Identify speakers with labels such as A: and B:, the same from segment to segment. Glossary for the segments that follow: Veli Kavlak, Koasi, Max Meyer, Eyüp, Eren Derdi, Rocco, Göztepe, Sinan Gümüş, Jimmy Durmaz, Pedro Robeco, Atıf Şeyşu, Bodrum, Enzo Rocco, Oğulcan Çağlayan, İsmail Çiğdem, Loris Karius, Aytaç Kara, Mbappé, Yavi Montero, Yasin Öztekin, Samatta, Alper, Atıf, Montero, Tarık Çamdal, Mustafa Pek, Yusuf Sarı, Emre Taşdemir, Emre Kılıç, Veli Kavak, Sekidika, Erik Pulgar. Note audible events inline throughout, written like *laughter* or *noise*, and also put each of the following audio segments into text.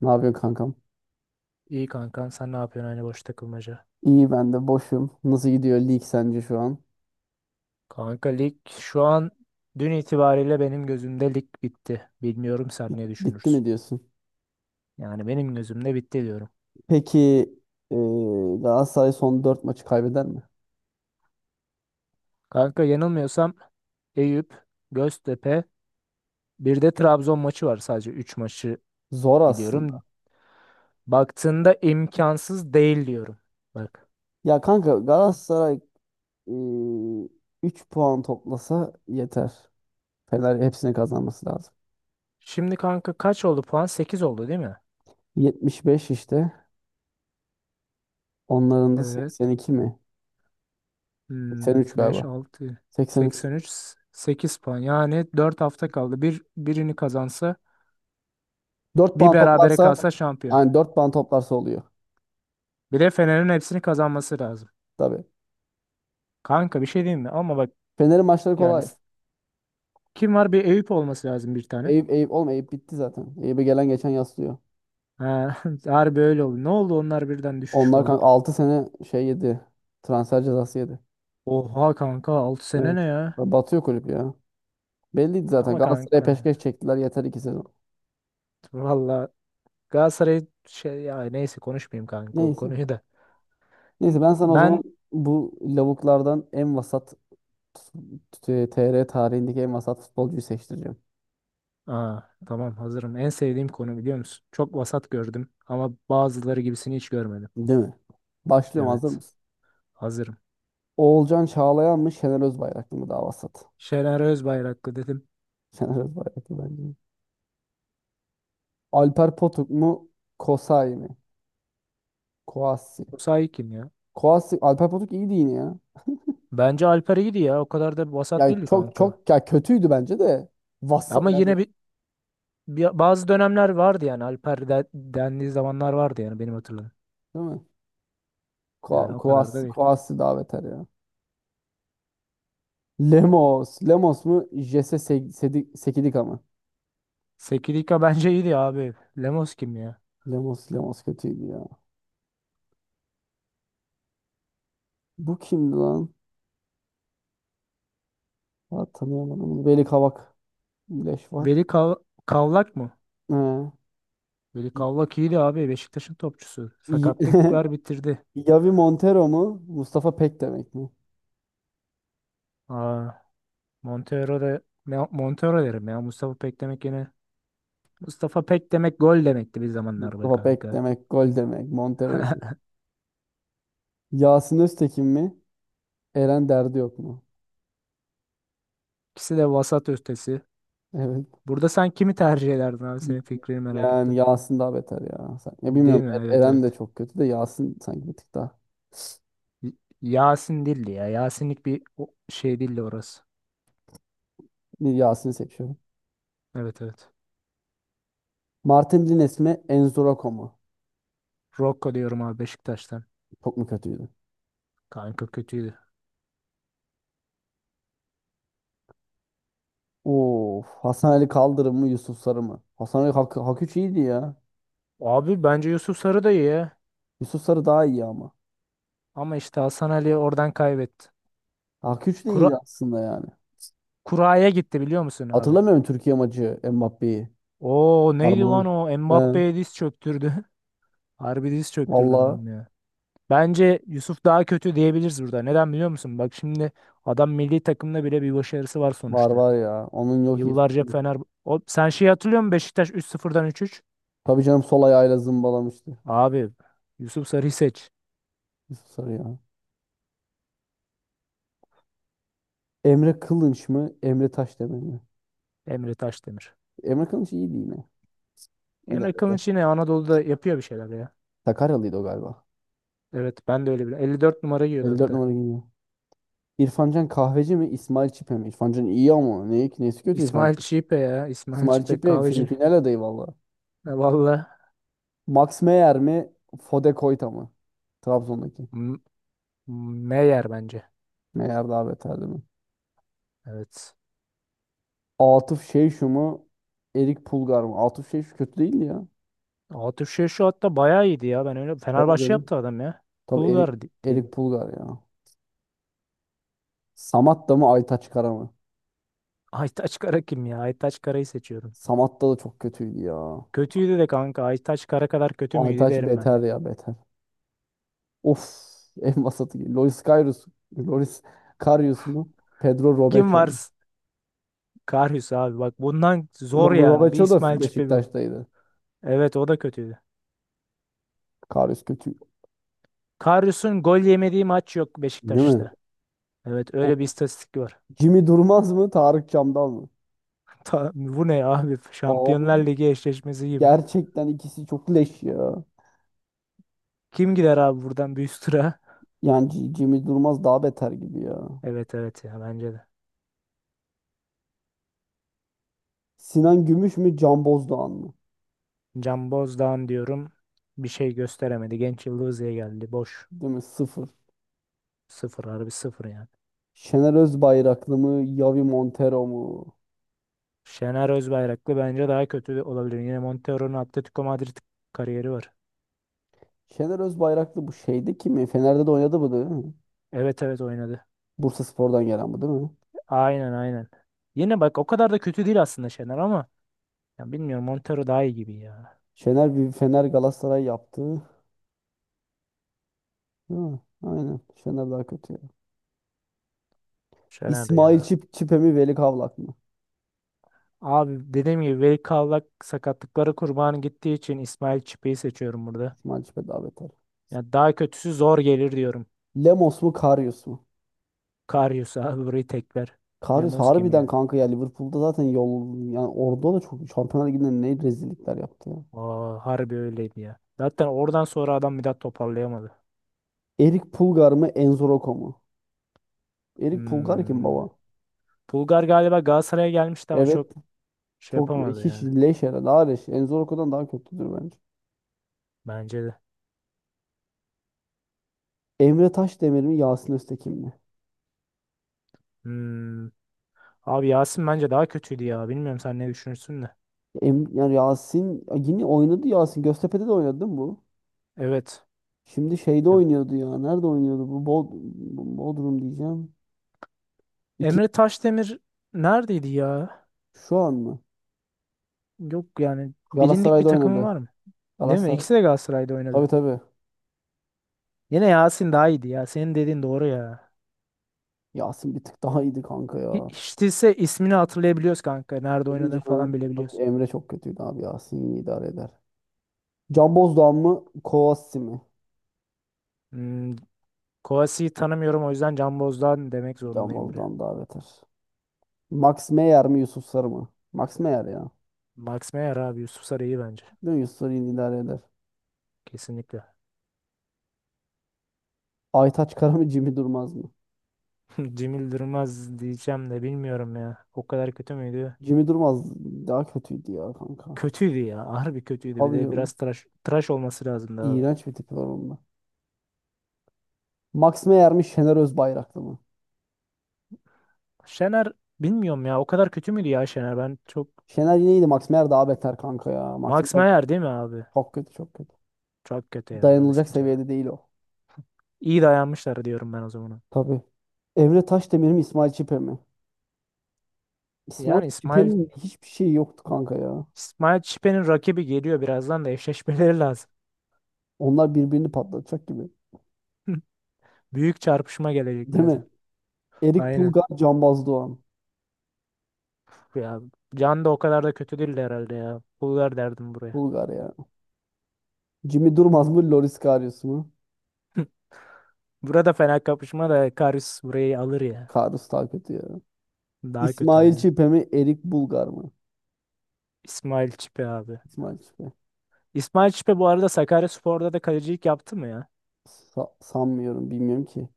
A: Ne yapıyorsun kankam?
B: İyi kankan sen ne yapıyorsun aynı boş takılmaca?
A: İyi, ben de boşum. Nasıl gidiyor lig sence şu an?
B: Kanka lig şu an dün itibariyle benim gözümde lig bitti. Bilmiyorum sen ne
A: Bitti
B: düşünürsün.
A: mi diyorsun?
B: Yani benim gözümde bitti diyorum.
A: Peki, e, Galatasaray son 4 maçı kaybeder mi?
B: Kanka yanılmıyorsam Eyüp, Göztepe bir de Trabzon maçı var sadece 3 maçı
A: Zor
B: biliyorum.
A: aslında.
B: Baktığında imkansız değil diyorum. Bak.
A: Ya kanka, Galatasaray e, 3 puan toplasa yeter. Fener hepsini kazanması lazım.
B: Şimdi kanka kaç oldu puan? 8 oldu değil mi?
A: 75 işte. Onların da
B: Evet.
A: 82 mi? 83
B: Beş
A: galiba.
B: altı
A: 83.
B: 6, üç sekiz puan. Yani 4 hafta kaldı. Birini kazansa,
A: 4
B: bir
A: puan
B: berabere
A: toplarsa,
B: kalsa şampiyon.
A: yani dört puan toplarsa oluyor.
B: Bir de Fener'in hepsini kazanması lazım.
A: Tabii.
B: Kanka bir şey diyeyim mi? Ama bak
A: Fener'in maçları
B: yani
A: kolay.
B: kim var? Bir Eyüp olması lazım bir tane.
A: Eyüp, Eyüp, oğlum Eyüp bitti zaten. Eyüp'e gelen geçen yaslıyor.
B: Ha, *laughs* harbi öyle oldu. Ne oldu onlar birden düşüş
A: Onlar
B: falan.
A: kanka 6 sene şey yedi. Transfer cezası yedi.
B: Oha kanka 6 sene
A: Evet.
B: ne ya?
A: Batıyor kulüp ya. Belliydi zaten.
B: Ama
A: Galatasaray'a
B: kanka
A: peşkeş çektiler. Yeter iki sezon.
B: valla Galatasaray şey ya neyse konuşmayayım kanka o
A: Neyse.
B: konuyu da.
A: Neyse, ben sana o zaman
B: Ben
A: bu lavuklardan en vasat TR tarihindeki en vasat futbolcuyu seçtireceğim.
B: Aa, tamam hazırım. En sevdiğim konu biliyor musun? Çok vasat gördüm ama bazıları gibisini hiç görmedim.
A: Değil mi? Başlıyorum. Hazır
B: Evet
A: mısın?
B: hazırım.
A: Oğulcan Çağlayan mı, Şener Özbayraklı mı daha vasat?
B: Şener Özbayraklı dedim.
A: *laughs* Şener Özbayraklı bence. Alper Potuk mu? Kosay mı? Koasi.
B: Bu sahi kim ya?
A: Koasi. Alper Potuk iyiydi yine ya.
B: Bence Alper iyiydi ya. O kadar da vasat
A: Yani
B: değildi
A: çok
B: kanka.
A: çok ya, kötüydü bence de. Vasa
B: Ama
A: yani,
B: yine bazı dönemler vardı yani. Alper dendiği zamanlar vardı yani benim hatırladığım.
A: değil mi? Ko
B: Yani o
A: Koas
B: kadar da değil.
A: Koasi daha beter ya. Lemos. Lemos mu? Jesse Sekidika mı?
B: Sekidika *laughs* bence iyiydi abi. Lemos kim ya?
A: Lemos kötüydü ya. Bu kimdi lan? Ha, tanıyamadım bunu. Veli Kavak. Leş var.
B: Veli Kavlak mı?
A: He.
B: Veli
A: Y-
B: Kavlak iyiydi abi. Beşiktaş'ın topçusu.
A: *laughs* Y-
B: Sakatlıklar bitirdi.
A: Yavi Montero mu? Mustafa Pek demek mi?
B: Aa, Montero da Montero derim ya. Mustafa Pek demek yine. Mustafa Pek demek gol demekti bir zamanlar be
A: Mustafa Pek
B: kanka.
A: demek. Gol demek. Montero ise. Yasin Öztekin mi? Eren Derdi yok mu?
B: İkisi de vasat ötesi.
A: Evet.
B: Burada sen kimi tercih ederdin abi? Senin fikrini merak
A: Yani
B: ettim.
A: Yasin daha beter ya. Ya
B: Değil
A: bilmiyorum,
B: mi? Evet,
A: Eren de
B: evet.
A: çok kötü de, Yasin sanki bir tık daha.
B: Y- Yasin değildi ya. Yasinlik bir şey değildi orası.
A: Bir Yasin'i seçiyorum.
B: Evet, evet.
A: Martin Lines mi, Enzorako mu?
B: Rocco diyorum abi Beşiktaş'tan.
A: Çok mu kötüydü?
B: Kanka kötüydü.
A: Of, Hasan Ali Kaldırım mı, Yusuf Sarı mı? Hasan Ali Hak 3 iyiydi ya.
B: Abi bence Yusuf Sarı da iyi ya.
A: Yusuf Sarı daha iyi ama.
B: Ama işte Hasan Ali oradan kaybetti.
A: Hak 3 de iyiydi
B: Kura
A: aslında yani.
B: Kura'ya gitti biliyor musun abi?
A: Hatırlamıyorum Türkiye maçı Mbappe'yi.
B: Oo
A: Var
B: neydi
A: mı
B: lan
A: bunun?
B: o?
A: He.
B: Mbappé'ye diz çöktürdü. *laughs* Harbi diz çöktürdü
A: Valla,
B: adam ya. Bence Yusuf daha kötü diyebiliriz burada. Neden biliyor musun? Bak şimdi adam milli takımda bile bir başarısı var
A: var
B: sonuçta.
A: var ya. Onun yok, iyi.
B: Yıllarca Fener... O, sen şeyi hatırlıyor musun? Beşiktaş üç sıfırdan üç üç.
A: Tabii canım, sol ayağıyla zımbalamıştı.
B: Abi Yusuf Sarı'yı seç.
A: Yusuf Sarı ya. Emre Kılınç mı? Emre Taşdemir mi?
B: Emre Taşdemir.
A: Emre Kılıç iyiydi yine.
B: Emre
A: İdare eder.
B: Kılınç yine Anadolu'da yapıyor bir şeyler ya.
A: Sakaryalıydı o galiba.
B: Evet, ben de öyle biliyorum. 54 numara giyiyordu
A: 54
B: hatta.
A: numara geliyor. İrfancan kahveci mi, İsmail Çipe mi? İrfancan iyi ama ne, nesi kötü İrfan?
B: İsmail Çipe ya. İsmail
A: İsmail
B: Çipe
A: Çipe fin
B: kahveci. *laughs*
A: final adayı valla.
B: Valla
A: Max Meyer mi, Fode Koyta mı? Trabzon'daki.
B: M- Meyer bence.
A: Meyer daha beterdi mi?
B: Evet.
A: Atıf Şeyşu mu, Erik Pulgar mı? Atıf Şeyşu kötü değildi ya.
B: Atıf şey şu hatta bayağı iyiydi ya. Ben öyle
A: Tabii
B: Fenerbahçe
A: canım.
B: yaptı adam ya.
A: Tabii Erik,
B: Bulgar diyelim.
A: Erik Pulgar ya. Samatta mı, Aytaç Kara mı?
B: *laughs* Aytaç Kara kim ya? Aytaç Kara'yı seçiyorum.
A: Samatta da çok kötüydü ya.
B: Kötüydü de kanka. Aytaç Kara kadar kötü müydü
A: Aytaç
B: derim ben
A: beter
B: ya.
A: ya, beter. Of, *laughs* en vasatı. Loris Karius, Loris Karius mu? Pedro
B: Kim
A: Robeco
B: var?
A: mu?
B: Karius abi. Bak bundan zor yani. Bir
A: Robeco da
B: İsmail Çipe bu.
A: Beşiktaş'taydı.
B: Evet, o da kötüydü.
A: Karius kötü.
B: Karius'un gol yemediği maç yok
A: Değil mi?
B: Beşiktaş'ta. Evet
A: O,
B: öyle bir istatistik var.
A: Jimmy Durmaz mı? Tarık Çamdal mı?
B: *laughs* Bu ne abi?
A: Abi,
B: Şampiyonlar Ligi eşleşmesi gibi.
A: gerçekten ikisi çok leş ya.
B: Kim gider abi buradan büyük tura?
A: Yani Jimmy Durmaz daha beter gibi ya.
B: Evet, evet, ya bence de.
A: Sinan Gümüş mü? Can Bozdoğan mı?
B: Can Bozdağ'ın diyorum, bir şey gösteremedi. Genç Yıldız'ya geldi. Boş.
A: Değil mi? Sıfır.
B: Sıfır, harbi sıfır yani.
A: Şener Özbayraklı mı? Yavi Montero mu?
B: Şener Özbayraklı bence daha kötü de olabilir. Yine Montero'nun Atletico Madrid kariyeri var.
A: Şener Özbayraklı bu şeyde kim mi? Fener'de de oynadı bu değil mi?
B: Evet, evet, oynadı.
A: Bursaspor'dan gelen bu değil mi?
B: Aynen, aynen. Yine bak o kadar da kötü değil aslında Şener ama ya bilmiyorum Montero daha iyi gibi ya.
A: Şener bir Fener Galatasaray yaptı. Ha, aynen. Şener daha kötü ya.
B: Şener
A: İsmail
B: ya.
A: Çip Çipe mi, Veli Kavlak mı?
B: Abi dediğim gibi Veli Kavlak sakatlıkları kurbanı gittiği için İsmail Çipe'yi seçiyorum burada.
A: İsmail Çipe daha beter.
B: Ya daha kötüsü zor gelir diyorum.
A: Lemos mu, Karius mu?
B: Karius abi burayı tekler.
A: Karius
B: Lemos kim
A: harbiden
B: ya?
A: kanka ya, Liverpool'da zaten yol yani, orada da çok Şampiyonlar Ligi'nde ne rezillikler yaptı ya.
B: Aa, harbi öyleydi ya. Zaten oradan sonra adam bir daha toparlayamadı.
A: Erik Pulgar mı, Enzo Rocco mu? Erik Pulgar kim
B: Hmm.
A: baba?
B: Bulgar galiba Galatasaray'a gelmişti ama çok
A: Evet.
B: şey
A: Çok
B: yapamadı
A: hiç
B: yani.
A: leş herhalde. Daha leş. Enzo Rocco'dan daha kötüdür bence.
B: Bence de.
A: Emre Taşdemir mi, Yasin Öztekin mi?
B: Hmm. Abi Yasin bence daha kötüydü ya. Bilmiyorum sen ne düşünürsün de.
A: Yani Yasin yine oynadı Yasin. Göztepe'de de oynadı değil mi bu?
B: Evet.
A: Şimdi şeyde
B: Ya,
A: oynuyordu ya. Nerede oynuyordu? Bu Bod Bodrum diyeceğim. İki
B: Emre Taşdemir neredeydi ya?
A: şu an mı?
B: Yok yani bilindik bir
A: Galatasaray'da
B: takımı var
A: oynadı.
B: mı? Değil mi?
A: Galatasaray.
B: İkisi de Galatasaray'da
A: Tabii
B: oynadı.
A: tabii.
B: Yine Yasin daha iyiydi ya. Senin dediğin doğru ya.
A: Yasin bir tık daha iyiydi kanka ya.
B: Hiç değilse ismini hatırlayabiliyoruz kanka. Nerede
A: Tabii
B: oynadığını falan
A: canım. Tabii
B: bilebiliyoruz.
A: Emre çok kötüydü abi. Yasin iyi idare eder. Can Bozdoğan mı? Kovasi mi?
B: Hmm, Kovasi'yi tanımıyorum, o yüzden Can Boz'dan demek
A: Can
B: zorundayım biri.
A: Bozdoğan daha beter. Max Meyer mi? Yusuf Sarı mı? Max Meyer ya.
B: Max Meyer abi, Yusuf Sarı iyi bence.
A: Değil mi? Yusuf Sarı iyi idare eder.
B: Kesinlikle.
A: Aytaç Kara mı? Jimmy Durmaz mı?
B: *laughs* Cemil Durmaz diyeceğim de bilmiyorum ya. O kadar kötü müydü?
A: Jimmy Durmaz daha kötüydü ya kanka.
B: Kötüydü ya. Harbi kötüydü. Bir
A: Tabii
B: de
A: canım.
B: biraz tıraş, tıraş olması lazımdı abi.
A: İğrenç bir tipi var onun da. Max Meyer mi, Şener Özbayraklı mı?
B: Şener bilmiyorum ya. O kadar kötü müydü ya Şener? Ben çok...
A: Şener yine iyiydi. Max Meyer daha beter kanka ya. Max
B: Max
A: Meyer
B: Meyer değil mi abi?
A: çok kötü, çok kötü.
B: Çok kötü ya. Onu
A: Dayanılacak
B: seçeceğim.
A: seviyede değil o.
B: İyi dayanmışlar diyorum ben o zaman.
A: Tabii. Emre Taşdemir mi, İsmail Çipe mi? İsmail
B: Yani İsmail
A: Çipe'nin hiçbir şeyi yoktu kanka ya.
B: İsmail Çipe'nin rakibi geliyor birazdan da eşleşmeleri lazım.
A: Onlar birbirini patlatacak gibi.
B: *laughs* Büyük çarpışma gelecek
A: Değil mi?
B: birazdan.
A: Erik
B: Aynen.
A: Pulgar, Cambaz Doğan.
B: Ya, Can da o kadar da kötü değildi herhalde ya. Pul ver derdim buraya.
A: Pulgar ya. Jimmy Durmaz mı, Loris Karius mu?
B: *laughs* Burada fena kapışma da Karius burayı alır ya.
A: Karius daha kötü ya.
B: Daha kötü
A: İsmail
B: aynı.
A: Çipe mi, Erik Bulgar mı?
B: İsmail Çipe abi.
A: İsmail Çipe.
B: İsmail Çipe bu arada Sakaryaspor'da da kalecilik yaptı mı ya?
A: Sanmıyorum, bilmiyorum ki.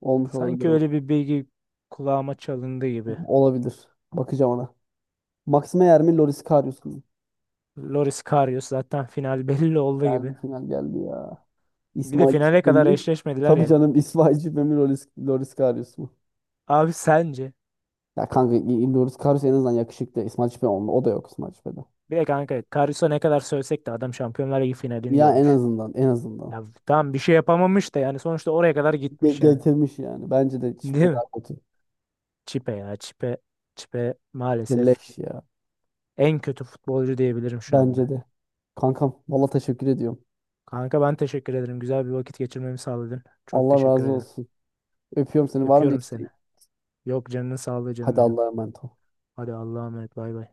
A: Olmuş olabilir.
B: Sanki öyle bir bilgi kulağıma çalındı gibi.
A: Olabilir. Bakacağım ona. Max Meyer mi, Loris Karius mu?
B: Loris Karius zaten final *laughs* belli oldu
A: Geldi,
B: gibi.
A: final geldi ya.
B: Bir de
A: İsmail
B: finale
A: Çiğdem
B: kadar
A: mi?
B: eşleşmediler
A: Tabii
B: ya.
A: canım, İsmail Çiğdem mi, Loris Karius mu?
B: Abi sence?
A: Ya kanka, Loris Karius en azından yakışıklı. İsmail Çiğdem olma. O da yok İsmail Çiğdem'de.
B: Bir de kanka Karius'a ne kadar sövsek de adam Şampiyonlar Ligi finalini
A: Ya en
B: görmüş.
A: azından, en azından.
B: Ya tamam bir şey yapamamış da yani sonuçta oraya kadar gitmiş yani.
A: Getirmiş yani. Bence de
B: Değil
A: Çiğdem
B: mi?
A: daha kötü.
B: Çipe ya, Çipe. Çipe maalesef
A: Leş ya.
B: en kötü futbolcu diyebilirim şu
A: Bence
B: anda.
A: de. Kankam, valla teşekkür ediyorum.
B: Kanka ben teşekkür ederim. Güzel bir vakit geçirmemi sağladın. Çok
A: Allah razı
B: teşekkür ederim.
A: olsun. Öpüyorum seni. Var mı bir
B: Öpüyorum seni.
A: isteğin?
B: Yok, canının sağlığı canım
A: Hadi,
B: benim.
A: Allah'a emanet ol.
B: Hadi Allah'a emanet. Bay bay.